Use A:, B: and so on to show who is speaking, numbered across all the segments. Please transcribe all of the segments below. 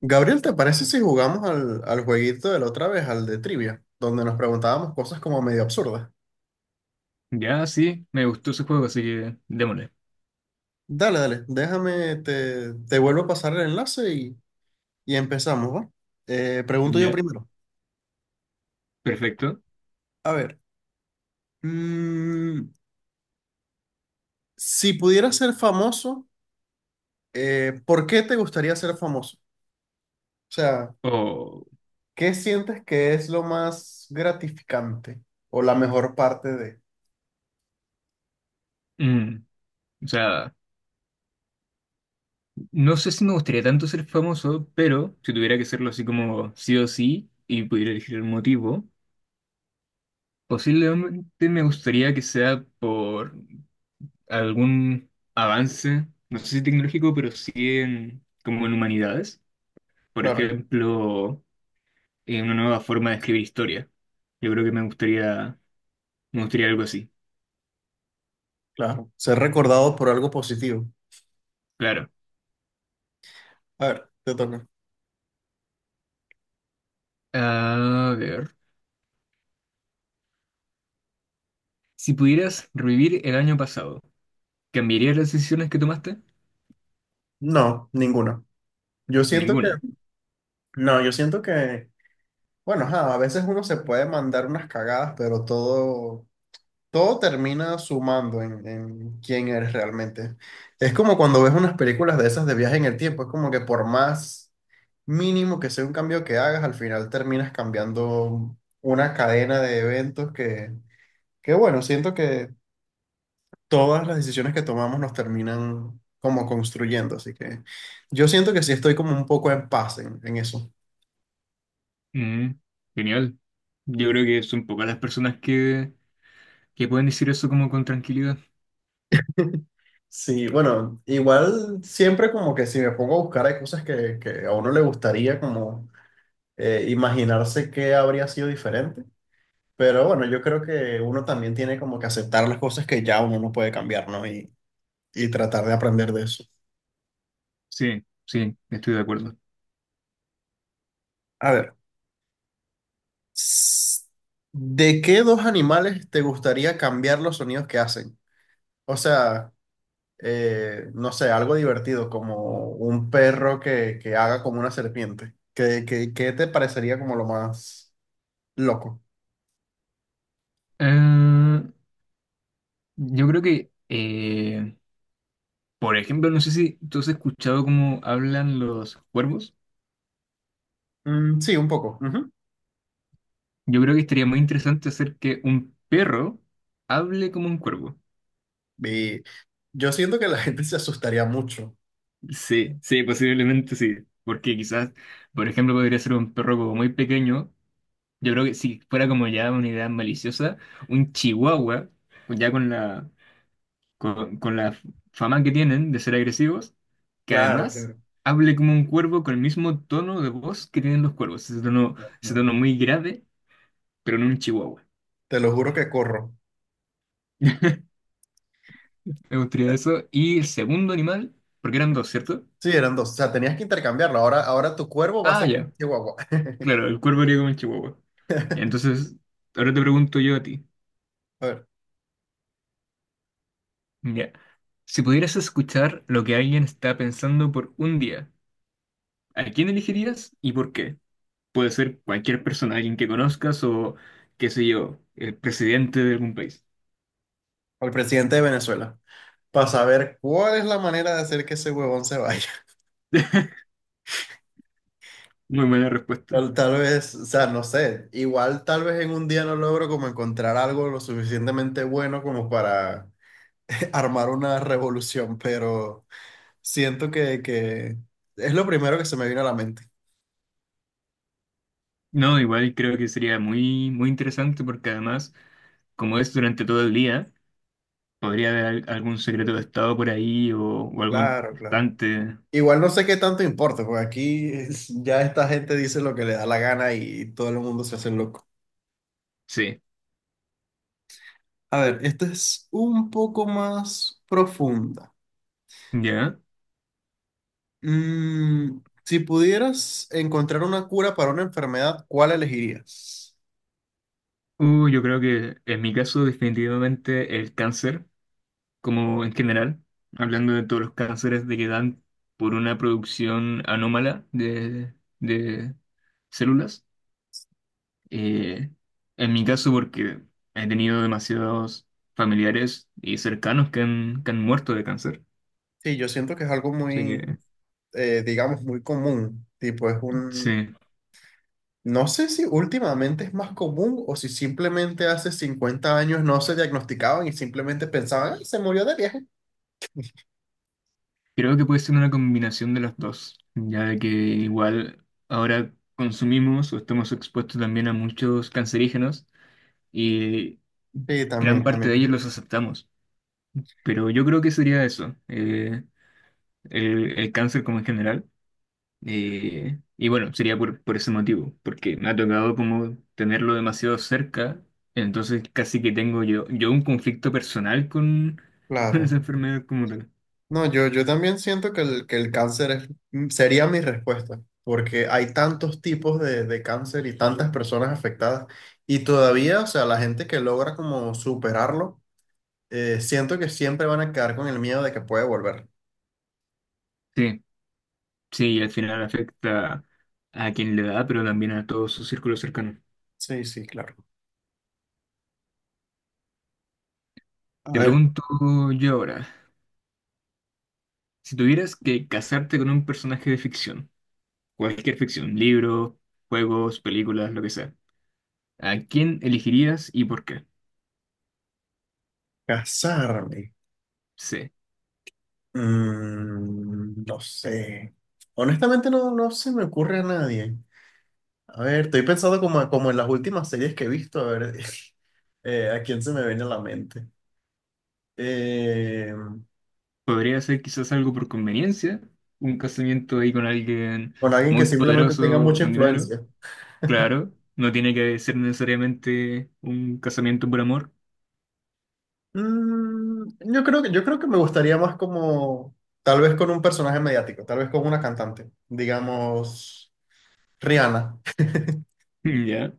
A: Gabriel, ¿te parece si jugamos al jueguito de la otra vez, al de trivia, donde nos preguntábamos cosas como medio absurdas?
B: Ya, sí, me gustó ese juego, así que démosle.
A: Dale, dale, déjame, te vuelvo a pasar el enlace y empezamos, ¿va? Pregunto yo
B: Ya,
A: primero.
B: perfecto.
A: A ver, mm, si pudieras ser famoso, ¿por qué te gustaría ser famoso? O sea,
B: O,
A: ¿qué sientes que es lo más gratificante o la mejor parte de...
B: mm, o sea, no sé si me gustaría tanto ser famoso, pero si tuviera que serlo así como sí o sí y pudiera elegir el motivo, posiblemente me gustaría que sea por algún avance, no sé si tecnológico, pero sí como en humanidades. Por
A: Claro,
B: ejemplo, en una nueva forma de escribir historia. Yo creo que me gustaría algo así.
A: claro, ser recordado por algo positivo.
B: Claro.
A: A ver, te toca.
B: A ver. Si pudieras revivir el año pasado, ¿cambiarías las decisiones que tomaste?
A: No, ninguna. Yo siento que,
B: Ninguna.
A: no, yo siento que, bueno, ajá, a veces uno se puede mandar unas cagadas, pero todo termina sumando en quién eres realmente. Es como cuando ves unas películas de esas de viaje en el tiempo, es como que por más mínimo que sea un cambio que hagas, al final terminas cambiando una cadena de eventos que bueno, siento que todas las decisiones que tomamos nos terminan como construyendo, así que yo siento que sí estoy como un poco en paz en eso.
B: Mm, genial. Yo creo que son pocas las personas que pueden decir eso como con tranquilidad.
A: Sí, bueno, igual siempre como que si me pongo a buscar hay cosas que a uno le gustaría como imaginarse que habría sido diferente, pero bueno, yo creo que uno también tiene como que aceptar las cosas que ya uno no puede cambiar, ¿no? Y tratar de aprender de eso.
B: Sí, sí, estoy de acuerdo.
A: A ver, s- ¿de qué dos animales te gustaría cambiar los sonidos que hacen? O sea, no sé, algo divertido, como un perro que haga como una serpiente. ¿Qué te parecería como lo más... loco?
B: Ah, yo creo que, por ejemplo, no sé si tú has escuchado cómo hablan los cuervos.
A: Mm, sí, un poco. Ujú.
B: Yo creo que estaría muy interesante hacer que un perro hable como un cuervo.
A: Y yo siento que la gente se asustaría mucho.
B: Sí, sí, posiblemente sí. Porque quizás, por ejemplo, podría ser un perro como muy pequeño. Yo creo que si fuera como ya una idea maliciosa, un chihuahua, ya con la fama que tienen de ser agresivos, que
A: Claro.
B: además
A: Claro.
B: hable como un cuervo con el mismo tono de voz que tienen los cuervos. Ese
A: No,
B: tono muy grave, pero en un chihuahua.
A: te lo juro que corro.
B: Me gustaría
A: Eh,
B: eso. Y el segundo animal, porque eran dos, ¿cierto?
A: Sí, eran dos. O sea, tenías que intercambiarlo. Ahora, ahora tu cuervo va a
B: Ah,
A: ser un
B: ya.
A: chihuahua.
B: Claro, el cuervo haría como el chihuahua. Ya, entonces, ahora te pregunto yo a ti.
A: A ver,
B: Ya. Si pudieras escuchar lo que alguien está pensando por un día, ¿a quién elegirías y por qué? Puede ser cualquier persona, alguien que conozcas o, qué sé yo, el presidente de algún país.
A: al presidente de Venezuela. Para saber cuál es la manera de hacer que ese huevón se vaya.
B: Muy buena respuesta.
A: Tal vez, o sea, no sé. Igual tal vez en un día no logro como encontrar algo lo suficientemente bueno como para armar una revolución, pero... Siento que es lo primero que se me vino a la mente.
B: No, igual creo que sería muy, muy interesante porque además, como es durante todo el día, podría haber algún secreto de Estado por ahí o algo
A: Claro, claro.
B: importante.
A: Igual no sé qué tanto importa, porque aquí es- ya esta gente dice lo que le da la gana y todo el mundo se hace loco.
B: Sí,
A: A ver, esta es un poco más profunda.
B: ya.
A: Mm, si pudieras encontrar una cura para una enfermedad, ¿cuál elegirías?
B: Yo creo que en mi caso definitivamente el cáncer, como en general, hablando de todos los cánceres de que dan por una producción anómala de células. Eh, en mi caso porque he tenido demasiados familiares y cercanos que han muerto de cáncer.
A: Sí, yo siento que es algo
B: Así
A: muy,
B: que
A: digamos, muy común. Tipo, es un,
B: sí,
A: no sé si últimamente es más común o si simplemente hace 50 años no se diagnosticaban y simplemente pensaban: "Ay, se murió de viaje".
B: creo que puede ser una combinación de las dos, ya de que igual ahora consumimos o estamos expuestos también a muchos cancerígenos y
A: Sí,
B: gran
A: también,
B: parte de
A: también.
B: ellos los aceptamos. Pero yo creo que sería eso, el cáncer como en general. Eh, y bueno, sería por ese motivo, porque me ha tocado como tenerlo demasiado cerca, entonces casi que tengo yo un conflicto personal con, con esa
A: Claro.
B: enfermedad como tal.
A: No, yo también siento que que el cáncer sería mi respuesta, porque hay tantos tipos de cáncer y tantas personas afectadas. Y todavía, o sea, la gente que logra como superarlo, siento que siempre van a quedar con el miedo de que puede volver.
B: Sí, sí, y al final afecta a quien le da, pero también a todo su círculo cercano.
A: Sí, sí, claro. A
B: Te
A: ver,
B: pregunto yo ahora, si tuvieras que casarte con un personaje de ficción, cualquier ficción, libros, juegos, películas, lo que sea. ¿A quién elegirías y por qué?
A: casarme.
B: C.
A: Mm, no sé. Honestamente no, no se me ocurre a nadie. A ver, estoy pensando como en las últimas series que he visto, a ver a quién se me viene a la mente. Eh,
B: Podría ser quizás algo por conveniencia, un casamiento ahí con alguien
A: con alguien que
B: muy
A: simplemente tenga
B: poderoso o
A: mucha
B: con dinero.
A: influencia.
B: Claro, no tiene que ser necesariamente un casamiento por amor.
A: Mm, yo creo que me gustaría más como, tal vez con un personaje mediático, tal vez con una cantante, digamos, Rihanna.
B: Mm, ya.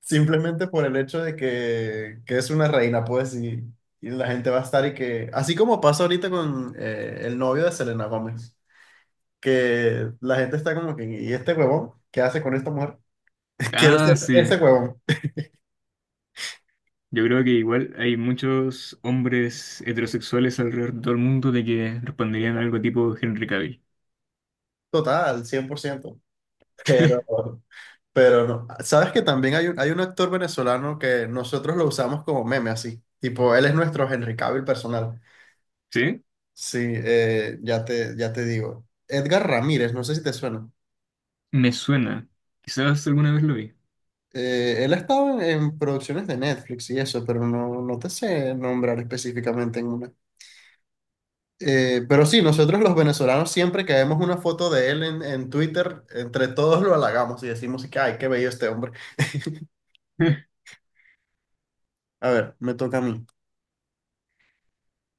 A: Simplemente por el hecho de que es una reina, pues, y la gente va a estar y que, así como pasa ahorita con el novio de Selena Gómez, que la gente está como que, ¿y este huevón? ¿Qué hace con esta mujer? Quiero ser
B: Ah,
A: ese
B: sí.
A: huevón.
B: Yo creo que igual hay muchos hombres heterosexuales alrededor del mundo de que responderían algo tipo Henry Cavill.
A: Total, 100%. Pero, pero no. Sabes que también hay un, actor venezolano que nosotros lo usamos como meme, así. Tipo, él es nuestro Henry Cavill personal.
B: ¿Sí?
A: Sí, ya te digo. Edgar Ramírez, no sé si te suena.
B: Me suena. Quizás alguna vez lo vi.
A: Él ha estado en producciones de Netflix y eso, pero no te sé nombrar específicamente en una. Pero sí, nosotros los venezolanos siempre que vemos una foto de él en Twitter, entre todos lo halagamos y decimos que, ay, qué bello este hombre. A ver, me toca a mí.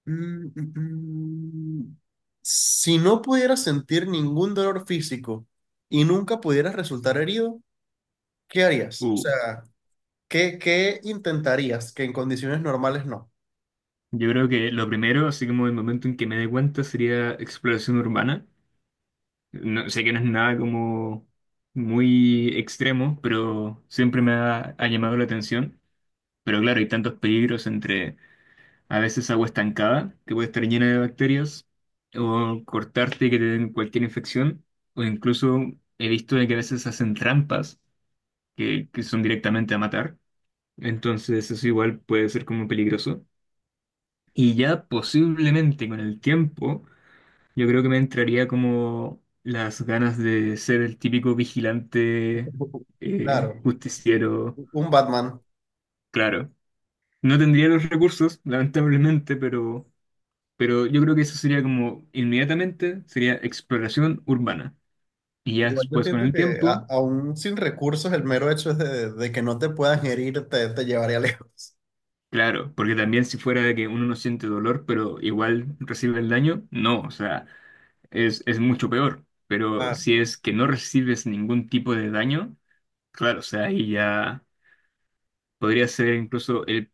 A: Mm, mm, mm. Si no pudieras sentir ningún dolor físico y nunca pudieras resultar herido, ¿qué harías? O
B: Uh,
A: sea, ¿qué intentarías que en condiciones normales no?
B: yo creo que lo primero, así como el momento en que me dé cuenta, sería exploración urbana. No, sé que no es nada como muy extremo, pero siempre me ha llamado la atención. Pero claro, hay tantos peligros entre a veces agua estancada, que puede estar llena de bacterias, o cortarte y que te den cualquier infección, o incluso he visto de que a veces hacen trampas que son directamente a matar. Entonces eso igual puede ser como peligroso. Y ya posiblemente con el tiempo yo creo que me entraría como las ganas de ser el típico vigilante,
A: Claro.
B: justiciero,
A: Un Batman.
B: claro. No tendría los recursos, lamentablemente, pero yo creo que eso sería como inmediatamente, sería exploración urbana. Y ya
A: Igual yo
B: después con
A: siento
B: el
A: que
B: tiempo,
A: aún sin recursos, el mero hecho es de que no te puedan herir te llevaría lejos.
B: claro, porque también si fuera de que uno no siente dolor, pero igual recibe el daño, no, o sea, es mucho peor. Pero
A: Claro,
B: si
A: claro.
B: es que no recibes ningún tipo de daño, claro, o sea, ahí ya... Podría ser incluso el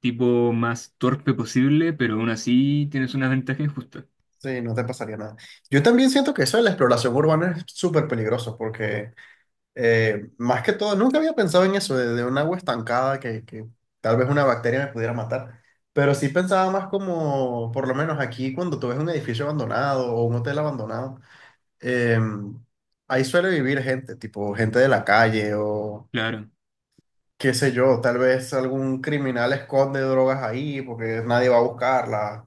B: tipo más torpe posible, pero aún así tienes una ventaja injusta.
A: Sí, no te pasaría nada. Yo también siento que eso de la exploración urbana es súper peligroso porque más que todo, nunca había pensado en eso de un agua estancada que tal vez una bacteria me pudiera matar. Pero sí pensaba más como, por lo menos aquí, cuando tú ves un edificio abandonado o un hotel abandonado, em, ahí suele vivir gente, tipo gente de la calle o
B: Claro,
A: qué sé yo, tal vez algún criminal esconde drogas ahí porque nadie va a buscarla,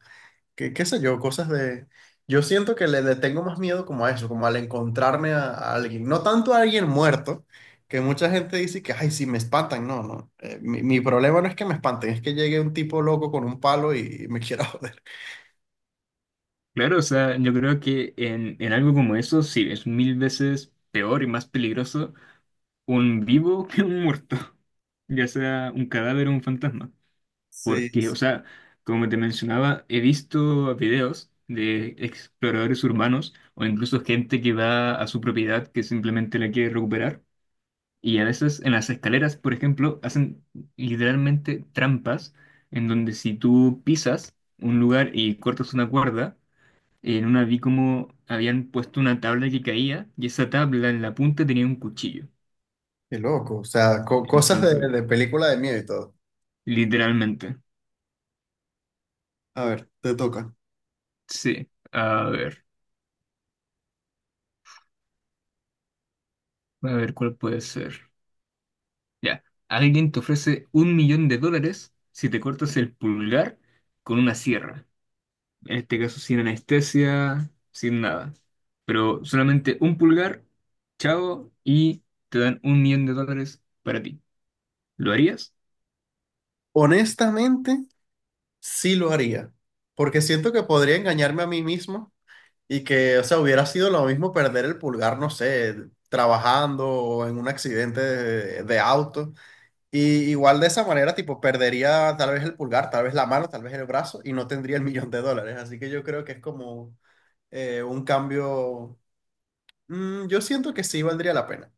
A: qué, qué sé yo, cosas de... yo siento que le tengo más miedo como a eso, como al encontrarme a alguien, no tanto a alguien muerto, que mucha gente dice que, ay, sí, me espantan, no, no. Mi problema no es que me espanten, es que llegue un tipo loco con un palo y me quiera joder.
B: claro, o sea, yo creo que en algo como eso sí es mil veces peor y más peligroso un vivo que un muerto, ya sea un cadáver o un fantasma.
A: Sí,
B: Porque, o
A: sí,
B: sea, como te mencionaba, he visto videos de exploradores urbanos o incluso gente que va a su propiedad que simplemente la quiere recuperar. Y a veces en las escaleras, por ejemplo, hacen literalmente trampas en donde si tú pisas un lugar y cortas una cuerda, en una vi como habían puesto una tabla que caía y esa tabla en la punta tenía un cuchillo.
A: qué loco, o sea, cosas de,
B: Entonces,
A: de película de miedo y todo.
B: literalmente.
A: A ver, te toca.
B: Sí. A ver cuál puede ser. Ya. Alguien te ofrece $1.000.000 si te cortas el pulgar con una sierra. En este caso sin anestesia, sin nada. Pero solamente un pulgar, chao, y te dan $1.000.000 para ti. ¿Lo harías?
A: Honestamente... sí lo haría, porque siento que podría engañarme a mí mismo y que, o sea, hubiera sido lo mismo perder el pulgar, no sé, trabajando o en un accidente de auto. Y igual de esa manera, tipo, perdería tal vez el pulgar, tal vez la mano, tal vez el brazo y no tendría el millón de dólares. Así que yo creo que es como un cambio, yo siento que sí valdría la pena.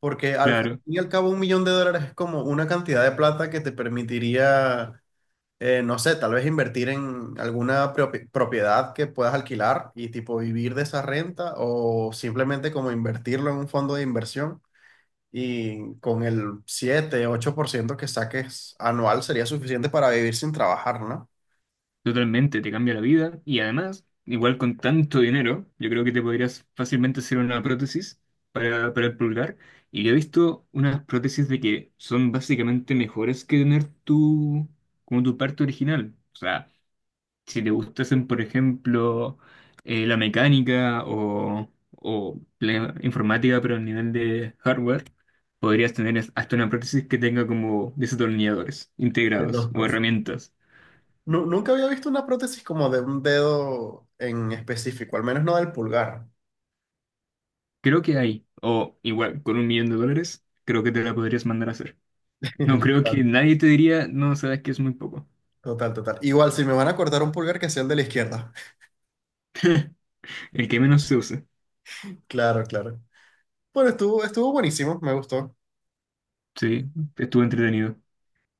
A: Porque al fin
B: Claro,
A: y al cabo un millón de dólares es como una cantidad de plata que te permitiría no sé, tal vez invertir en alguna propiedad que puedas alquilar y tipo vivir de esa renta o simplemente como invertirlo en un fondo de inversión y con el siete ocho por ciento que saques anual sería suficiente para vivir sin trabajar, ¿no?
B: totalmente, te cambia la vida. Y además, igual con tanto dinero, yo creo que te podrías fácilmente hacer una prótesis para el pulgar. Y yo he visto unas prótesis de que son básicamente mejores que tener tu, como tu parte original. O sea, si te gustasen, por ejemplo, la mecánica o la informática, pero a nivel de hardware, podrías tener hasta una prótesis que tenga como desatornilladores
A: Qué
B: integrados o
A: loco.
B: herramientas.
A: Nunca había visto una prótesis como de un dedo en específico, al menos no del pulgar.
B: Creo que hay, o igual, con $1.000.000, creo que te la podrías mandar a hacer. No creo
A: Total,
B: que nadie te diría, no, sabes que es muy poco.
A: total, total. Igual, si me van a cortar un pulgar, que sea el de la izquierda.
B: El que menos se use.
A: Claro, claro. Bueno, estuvo buenísimo, me gustó.
B: Sí, estuvo entretenido.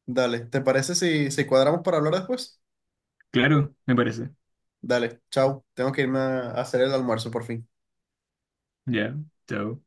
A: Dale, ¿te parece si cuadramos para hablar después?
B: Claro, me parece.
A: Dale, chao, tengo que irme a hacer el almuerzo por fin.
B: Ya, chao.